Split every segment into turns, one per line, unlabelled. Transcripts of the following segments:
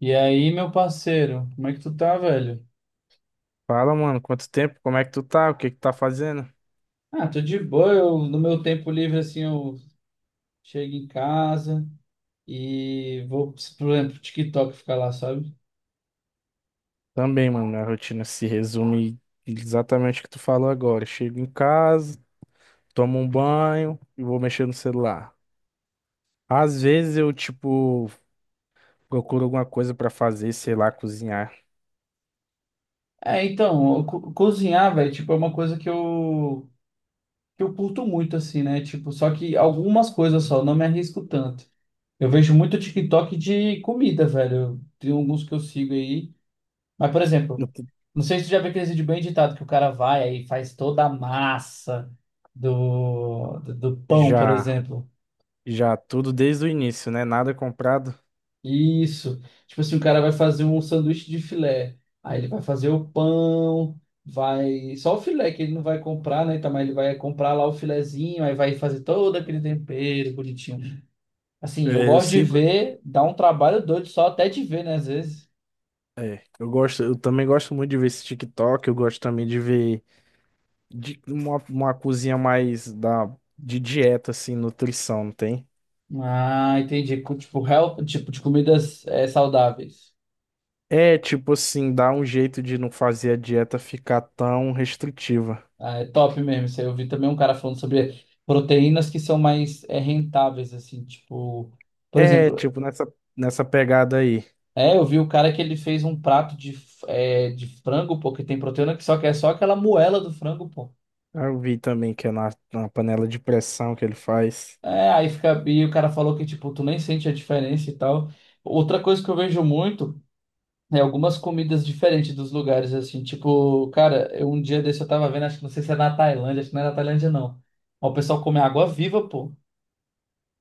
E aí, meu parceiro, como é que tu tá, velho?
Fala, mano, quanto tempo? Como é que tu tá? O que que tá fazendo?
Ah, tô de boa. Eu, no meu tempo livre, assim, eu chego em casa e vou, por exemplo, pro TikTok ficar lá, sabe?
Também, mano, minha rotina se resume exatamente o que tu falou agora. Eu Chego em casa, tomo um banho e vou mexer no celular. Às vezes eu, tipo, procuro alguma coisa pra fazer, sei lá, cozinhar.
É, então, cozinhar, velho, tipo, é uma coisa que eu curto muito, assim, né? Tipo, só que algumas coisas só, eu não me arrisco tanto. Eu vejo muito TikTok de comida, velho. Tem alguns que eu sigo aí. Mas, por
Eu
exemplo,
t-
não sei se tu já viu aquele vídeo bem editado que o cara vai aí e faz toda a massa do pão, por
Já,
exemplo.
já tudo desde o início, né? Nada comprado.
Isso. Tipo assim, o cara vai fazer um sanduíche de filé. Aí ele vai fazer o pão, vai. Só o filé que ele não vai comprar, né? Tá, mas ele vai comprar lá o filezinho, aí vai fazer todo aquele tempero bonitinho. Assim, eu
É, eu
gosto de
sigo.
ver, dá um trabalho doido só até de ver, né? Às vezes.
É, eu gosto, eu também gosto muito de ver esse TikTok, eu gosto também de ver uma cozinha mais de dieta, assim, nutrição, não tem?
Ah, entendi. Tipo, help, tipo de comidas saudáveis.
É, tipo assim, dá um jeito de não fazer a dieta ficar tão restritiva.
Ah, é top mesmo. Isso aí. Eu vi também um cara falando sobre proteínas que são mais rentáveis, assim, tipo, por
É,
exemplo,
tipo, nessa pegada aí.
é, eu vi o cara que ele fez um prato de, de frango, pô, que tem proteína que é só aquela moela do frango, pô.
Ah, eu vi também que é na panela de pressão que ele faz.
É, aí fica, e o cara falou que, tipo, tu nem sente a diferença e tal. Outra coisa que eu vejo muito é algumas comidas diferentes dos lugares, assim, tipo, cara, eu, um dia desse eu tava vendo, acho que não sei se é na Tailândia, acho que não é na Tailândia, não. Mas o pessoal come água viva, pô.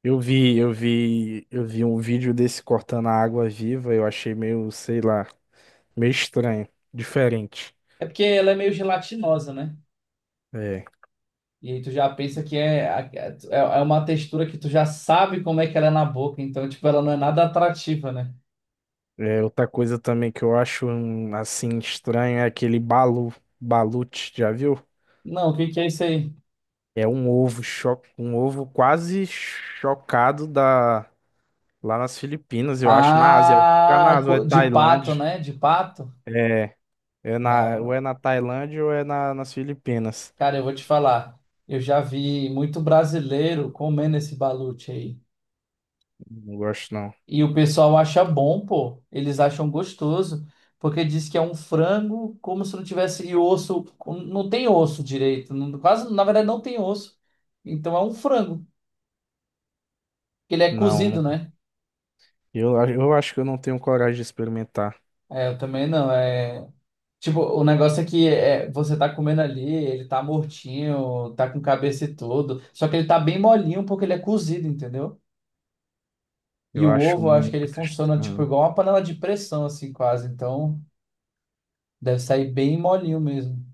Eu vi um vídeo desse cortando a água viva, eu achei meio, sei lá, meio estranho, diferente.
É porque ela é meio gelatinosa, né?
É.
E aí tu já pensa que é, é uma textura que tu já sabe como é que ela é na boca, então, tipo, ela não é nada atrativa, né?
É, outra coisa também que eu acho assim estranho é aquele balute, já viu?
Não, o que que é isso aí?
É um ovo, cho um ovo quase chocado da Lá nas Filipinas, eu acho, na Ásia. Fica na
Ah,
Ásia, ou é
de pato,
Tailândia.
né? De pato?
É, é ou
Não,
é na Tailândia ou é na, nas Filipinas.
cara, eu vou te falar. Eu já vi muito brasileiro comendo esse balute aí.
Não gosto, não.
E o pessoal acha bom, pô. Eles acham gostoso, porque diz que é um frango como se não tivesse e osso. Não tem osso direito. Quase, na verdade, não tem osso. Então é um frango. Ele é
Não,
cozido,
não.
né?
Eu acho que eu não tenho coragem de experimentar.
É, eu também não. É... Tipo, o negócio é que é, você tá comendo ali, ele tá mortinho, tá com cabeça e tudo. Só que ele tá bem molinho porque ele é cozido, entendeu? E
Eu
o
acho
ovo, eu acho que ele
muito
funciona tipo
estranho.
igual uma panela de pressão, assim, quase. Então, deve sair bem molinho mesmo.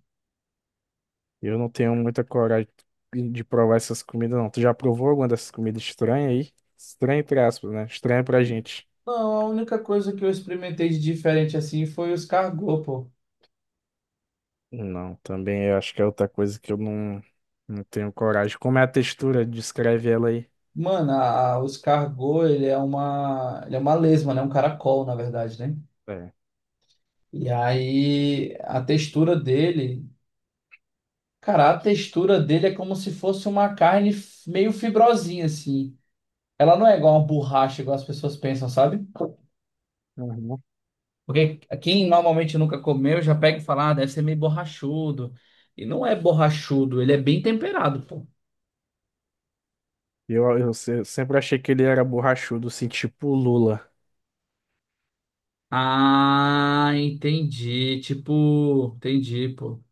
Eu não tenho muita coragem de provar essas comidas, não. Tu já provou alguma dessas comidas estranhas aí? Estranha, entre aspas, né? Estranha pra gente.
Não, a única coisa que eu experimentei de diferente assim foi os cargô, pô.
Não, também eu acho que é outra coisa que eu não, não tenho coragem. Como é a textura? Descreve ela aí.
Mano, os cargô, ele é uma lesma, né? Um caracol, na verdade, né?
É.
E aí a textura dele, cara, a textura dele é como se fosse uma carne meio fibrosinha, assim. Ela não é igual uma borracha, igual as pessoas pensam, sabe?
Uhum.
Porque quem normalmente nunca comeu já pega e fala, ah, deve ser meio borrachudo. E não é borrachudo, ele é bem temperado, pô.
Eu se- sempre achei que ele era borrachudo, assim, tipo o Lula,
Ah, entendi. Tipo, entendi, pô.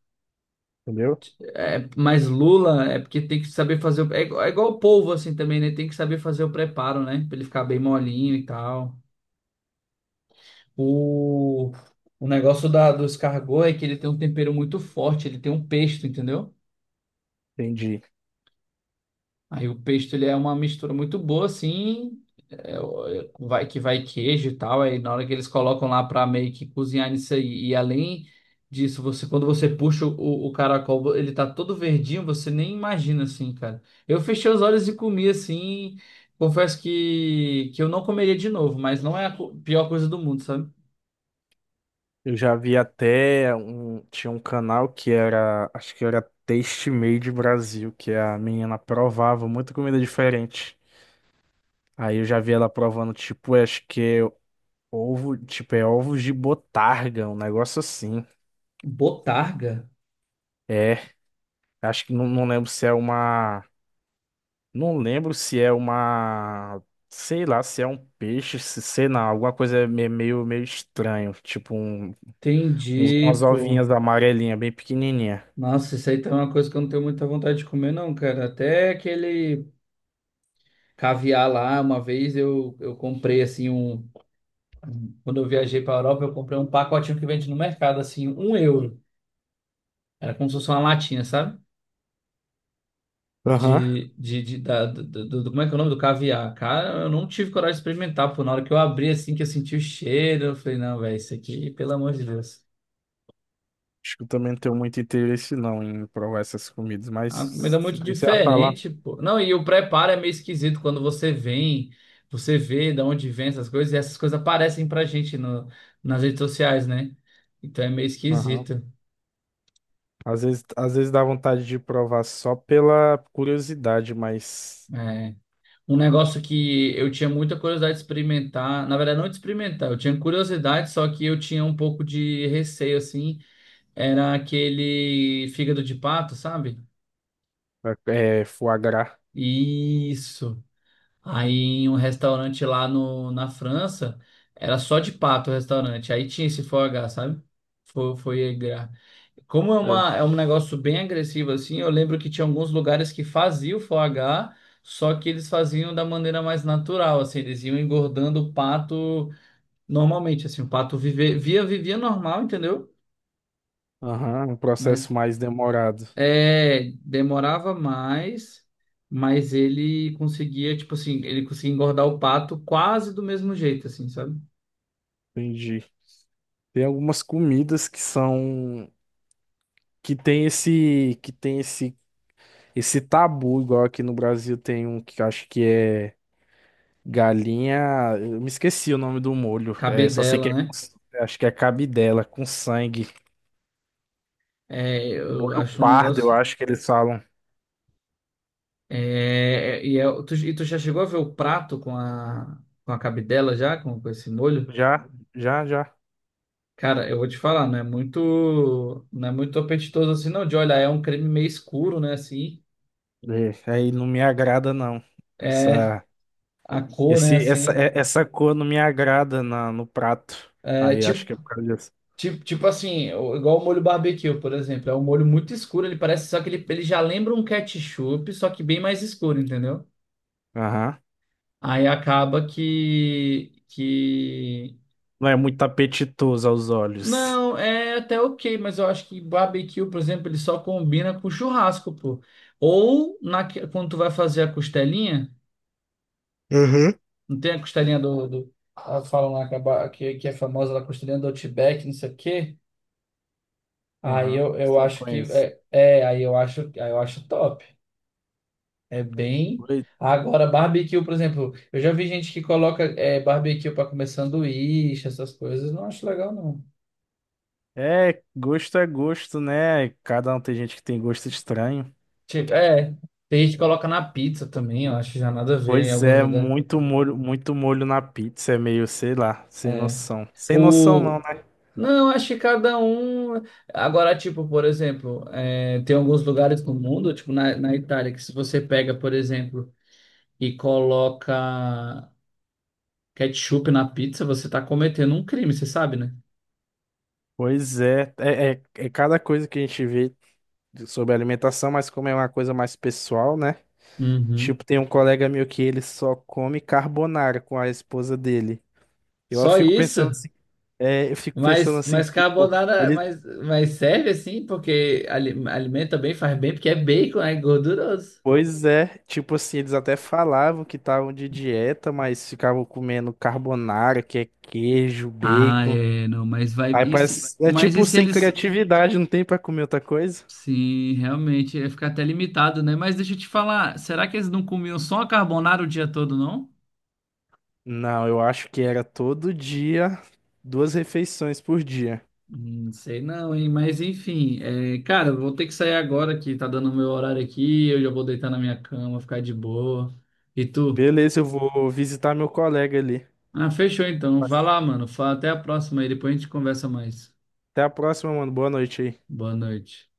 entendeu?
É, mas lula é porque tem que saber fazer. É, é igual o polvo, assim também, né? Tem que saber fazer o preparo, né? Pra ele ficar bem molinho e tal. O, o negócio da, do escargot é que ele tem um tempero muito forte, ele tem um pesto, entendeu?
Entendi.
Aí o pesto ele é uma mistura muito boa, assim, é, vai que vai queijo e tal. Aí na hora que eles colocam lá pra meio que cozinhar nisso aí, e além disso, você quando você puxa o caracol, ele tá todo verdinho, você nem imagina assim, cara. Eu fechei os olhos e comi assim. Confesso que eu não comeria de novo, mas não é a pior coisa do mundo, sabe?
Eu já vi até um, tinha um canal que era, acho que era Taste Made Brasil, que a menina provava muita comida diferente. Aí eu já vi ela provando, tipo, acho que é ovo, tipo, é ovos de botarga, um negócio assim.
Botarga?
É, acho que não, não lembro se é uma. Não lembro se é uma. Sei lá, se é um peixe, se sei lá, alguma coisa meio estranho. Uns- umas
Entendi, pô.
ovinhas amarelinhas, bem pequenininha.
Nossa, isso aí tá uma coisa que eu não tenho muita vontade de comer, não, cara. Até aquele caviar lá, uma vez eu comprei assim um. Quando eu viajei pra Europa, eu comprei um pacotinho que vende no mercado, assim, um euro. Era como se fosse uma latinha, sabe?
Aham.
De- da, do, do- do- como é que é o nome do caviar? Cara, eu não tive coragem de experimentar, pô. Na hora que eu abri, assim, que eu senti o cheiro, eu falei, não, velho, isso aqui, pelo amor de Deus.
Acho que eu também não tenho muito interesse não em provar essas comidas,
A comida
mas
é
se
muito
você já tá lá.
diferente, pô. Não, e o preparo é meio esquisito quando você vem, você vê de onde vem essas coisas, e essas coisas aparecem pra gente no, nas redes sociais, né? Então é meio
Aham.
esquisito.
Às vezes dá vontade de provar só pela curiosidade, mas
É. Um negócio que eu tinha muita curiosidade de experimentar, na verdade, não de experimentar, eu tinha curiosidade, só que eu tinha um pouco de receio, assim, era aquele fígado de pato, sabe?
é, foie gras.
Isso. Aí em um restaurante lá no, na França, era só de pato o restaurante. Aí tinha esse foie gras, sabe? Foi, foi aí gra- Como é
É.
uma, é um negócio bem agressivo assim, eu lembro que tinha alguns lugares que faziam o foie gras, só que eles faziam da maneira mais natural, assim, eles iam engordando o pato normalmente, assim, o pato vivia normal, entendeu?
Aham, um processo
Mas
mais demorado.
é, demorava mais, mas ele conseguia, tipo assim, ele conseguia engordar o pato quase do mesmo jeito, assim, sabe?
Entendi. Tem algumas comidas que são que tem esse que tem esse tabu igual aqui no Brasil tem um que eu acho que é galinha, eu me esqueci o nome do molho. É,
Caber
só sei
dela,
que é,
né?
com acho que é cabidela com sangue,
É, eu
molho
acho um
pardo, eu
negócio.
acho que eles falam.
É, e tu já chegou a ver o prato com a cabidela já, com esse molho?
Já, já, já.
Cara, eu vou te falar, não é muito, não é muito apetitoso assim, não, de olhar, é um creme meio escuro, né, assim.
É, aí não me agrada não.
É,
Essa
a cor, né,
esse essa
assim.
é- essa cor não me agrada no prato.
É,
Aí acho que é
tipo.
por causa disso.
Tipo assim, igual o molho barbecue, por exemplo. É um molho muito escuro, ele parece, só que ele já lembra um ketchup, só que bem mais escuro, entendeu?
Aham.
Aí acaba que...
Não é muito apetitoso aos olhos.
Não, é até ok, mas eu acho que barbecue, por exemplo, ele só combina com churrasco, pô. Ou quando tu vai fazer a costelinha,
Uhum.
não tem a costelinha do... do... Elas falam lá que, que é famosa, a costelinha do Outback, não sei o quê. Aí
Aham.
eu
Sim,
acho que...
conheço.
Aí eu acho top. É bem. Agora, barbecue, por exemplo, eu já vi gente que coloca barbecue para comer sanduíche, essas coisas, não acho legal, não.
É gosto, né? Cada um tem gente que tem gosto estranho.
Tipo, é, tem gente que coloca na pizza também, eu acho já nada a ver em
Pois
alguns
é,
lugares.
muito molho na pizza, é meio, sei lá, sem
É.
noção. Sem noção não,
O...
né?
Não, acho que cada um. Agora, tipo, por exemplo, é, tem alguns lugares no mundo, tipo na, na Itália, que se você pega, por exemplo, e coloca ketchup na pizza, você tá cometendo um crime, você sabe, né?
Pois é, é, é, é cada coisa que a gente vê sobre alimentação, mas como é uma coisa mais pessoal, né?
Uhum.
Tipo, tem um colega meu que ele só come carbonara com a esposa dele. Eu
Só
fico pensando
isso?
assim, é, eu fico pensando
Mas,
assim,
mas
tipo,
carbonara,
ele,
mas serve assim, porque alimenta bem, faz bem, porque é bacon, é gorduroso.
pois é, tipo assim, eles até falavam que estavam de dieta, mas ficavam comendo carbonara, que é queijo,
Ah,
bacon.
é, não, mas vai.
Aí
E se,
parece, é
mas e
tipo
se
sem
eles.
criatividade, não tem pra comer outra coisa?
Sim, realmente, ia ficar até limitado, né? Mas deixa eu te falar, será que eles não comiam só a carbonara o dia todo, não?
Não, eu acho que era todo dia, duas refeições por dia.
Não sei não, hein? Mas enfim, é, cara, eu vou ter que sair agora que tá dando o meu horário aqui, eu já vou deitar na minha cama, ficar de boa. E tu?
Beleza, eu vou visitar meu colega ali.
Ah, fechou então. Vai lá, mano. Fala, até a próxima aí, depois a gente conversa mais.
Até a próxima, mano. Boa noite aí.
Boa noite.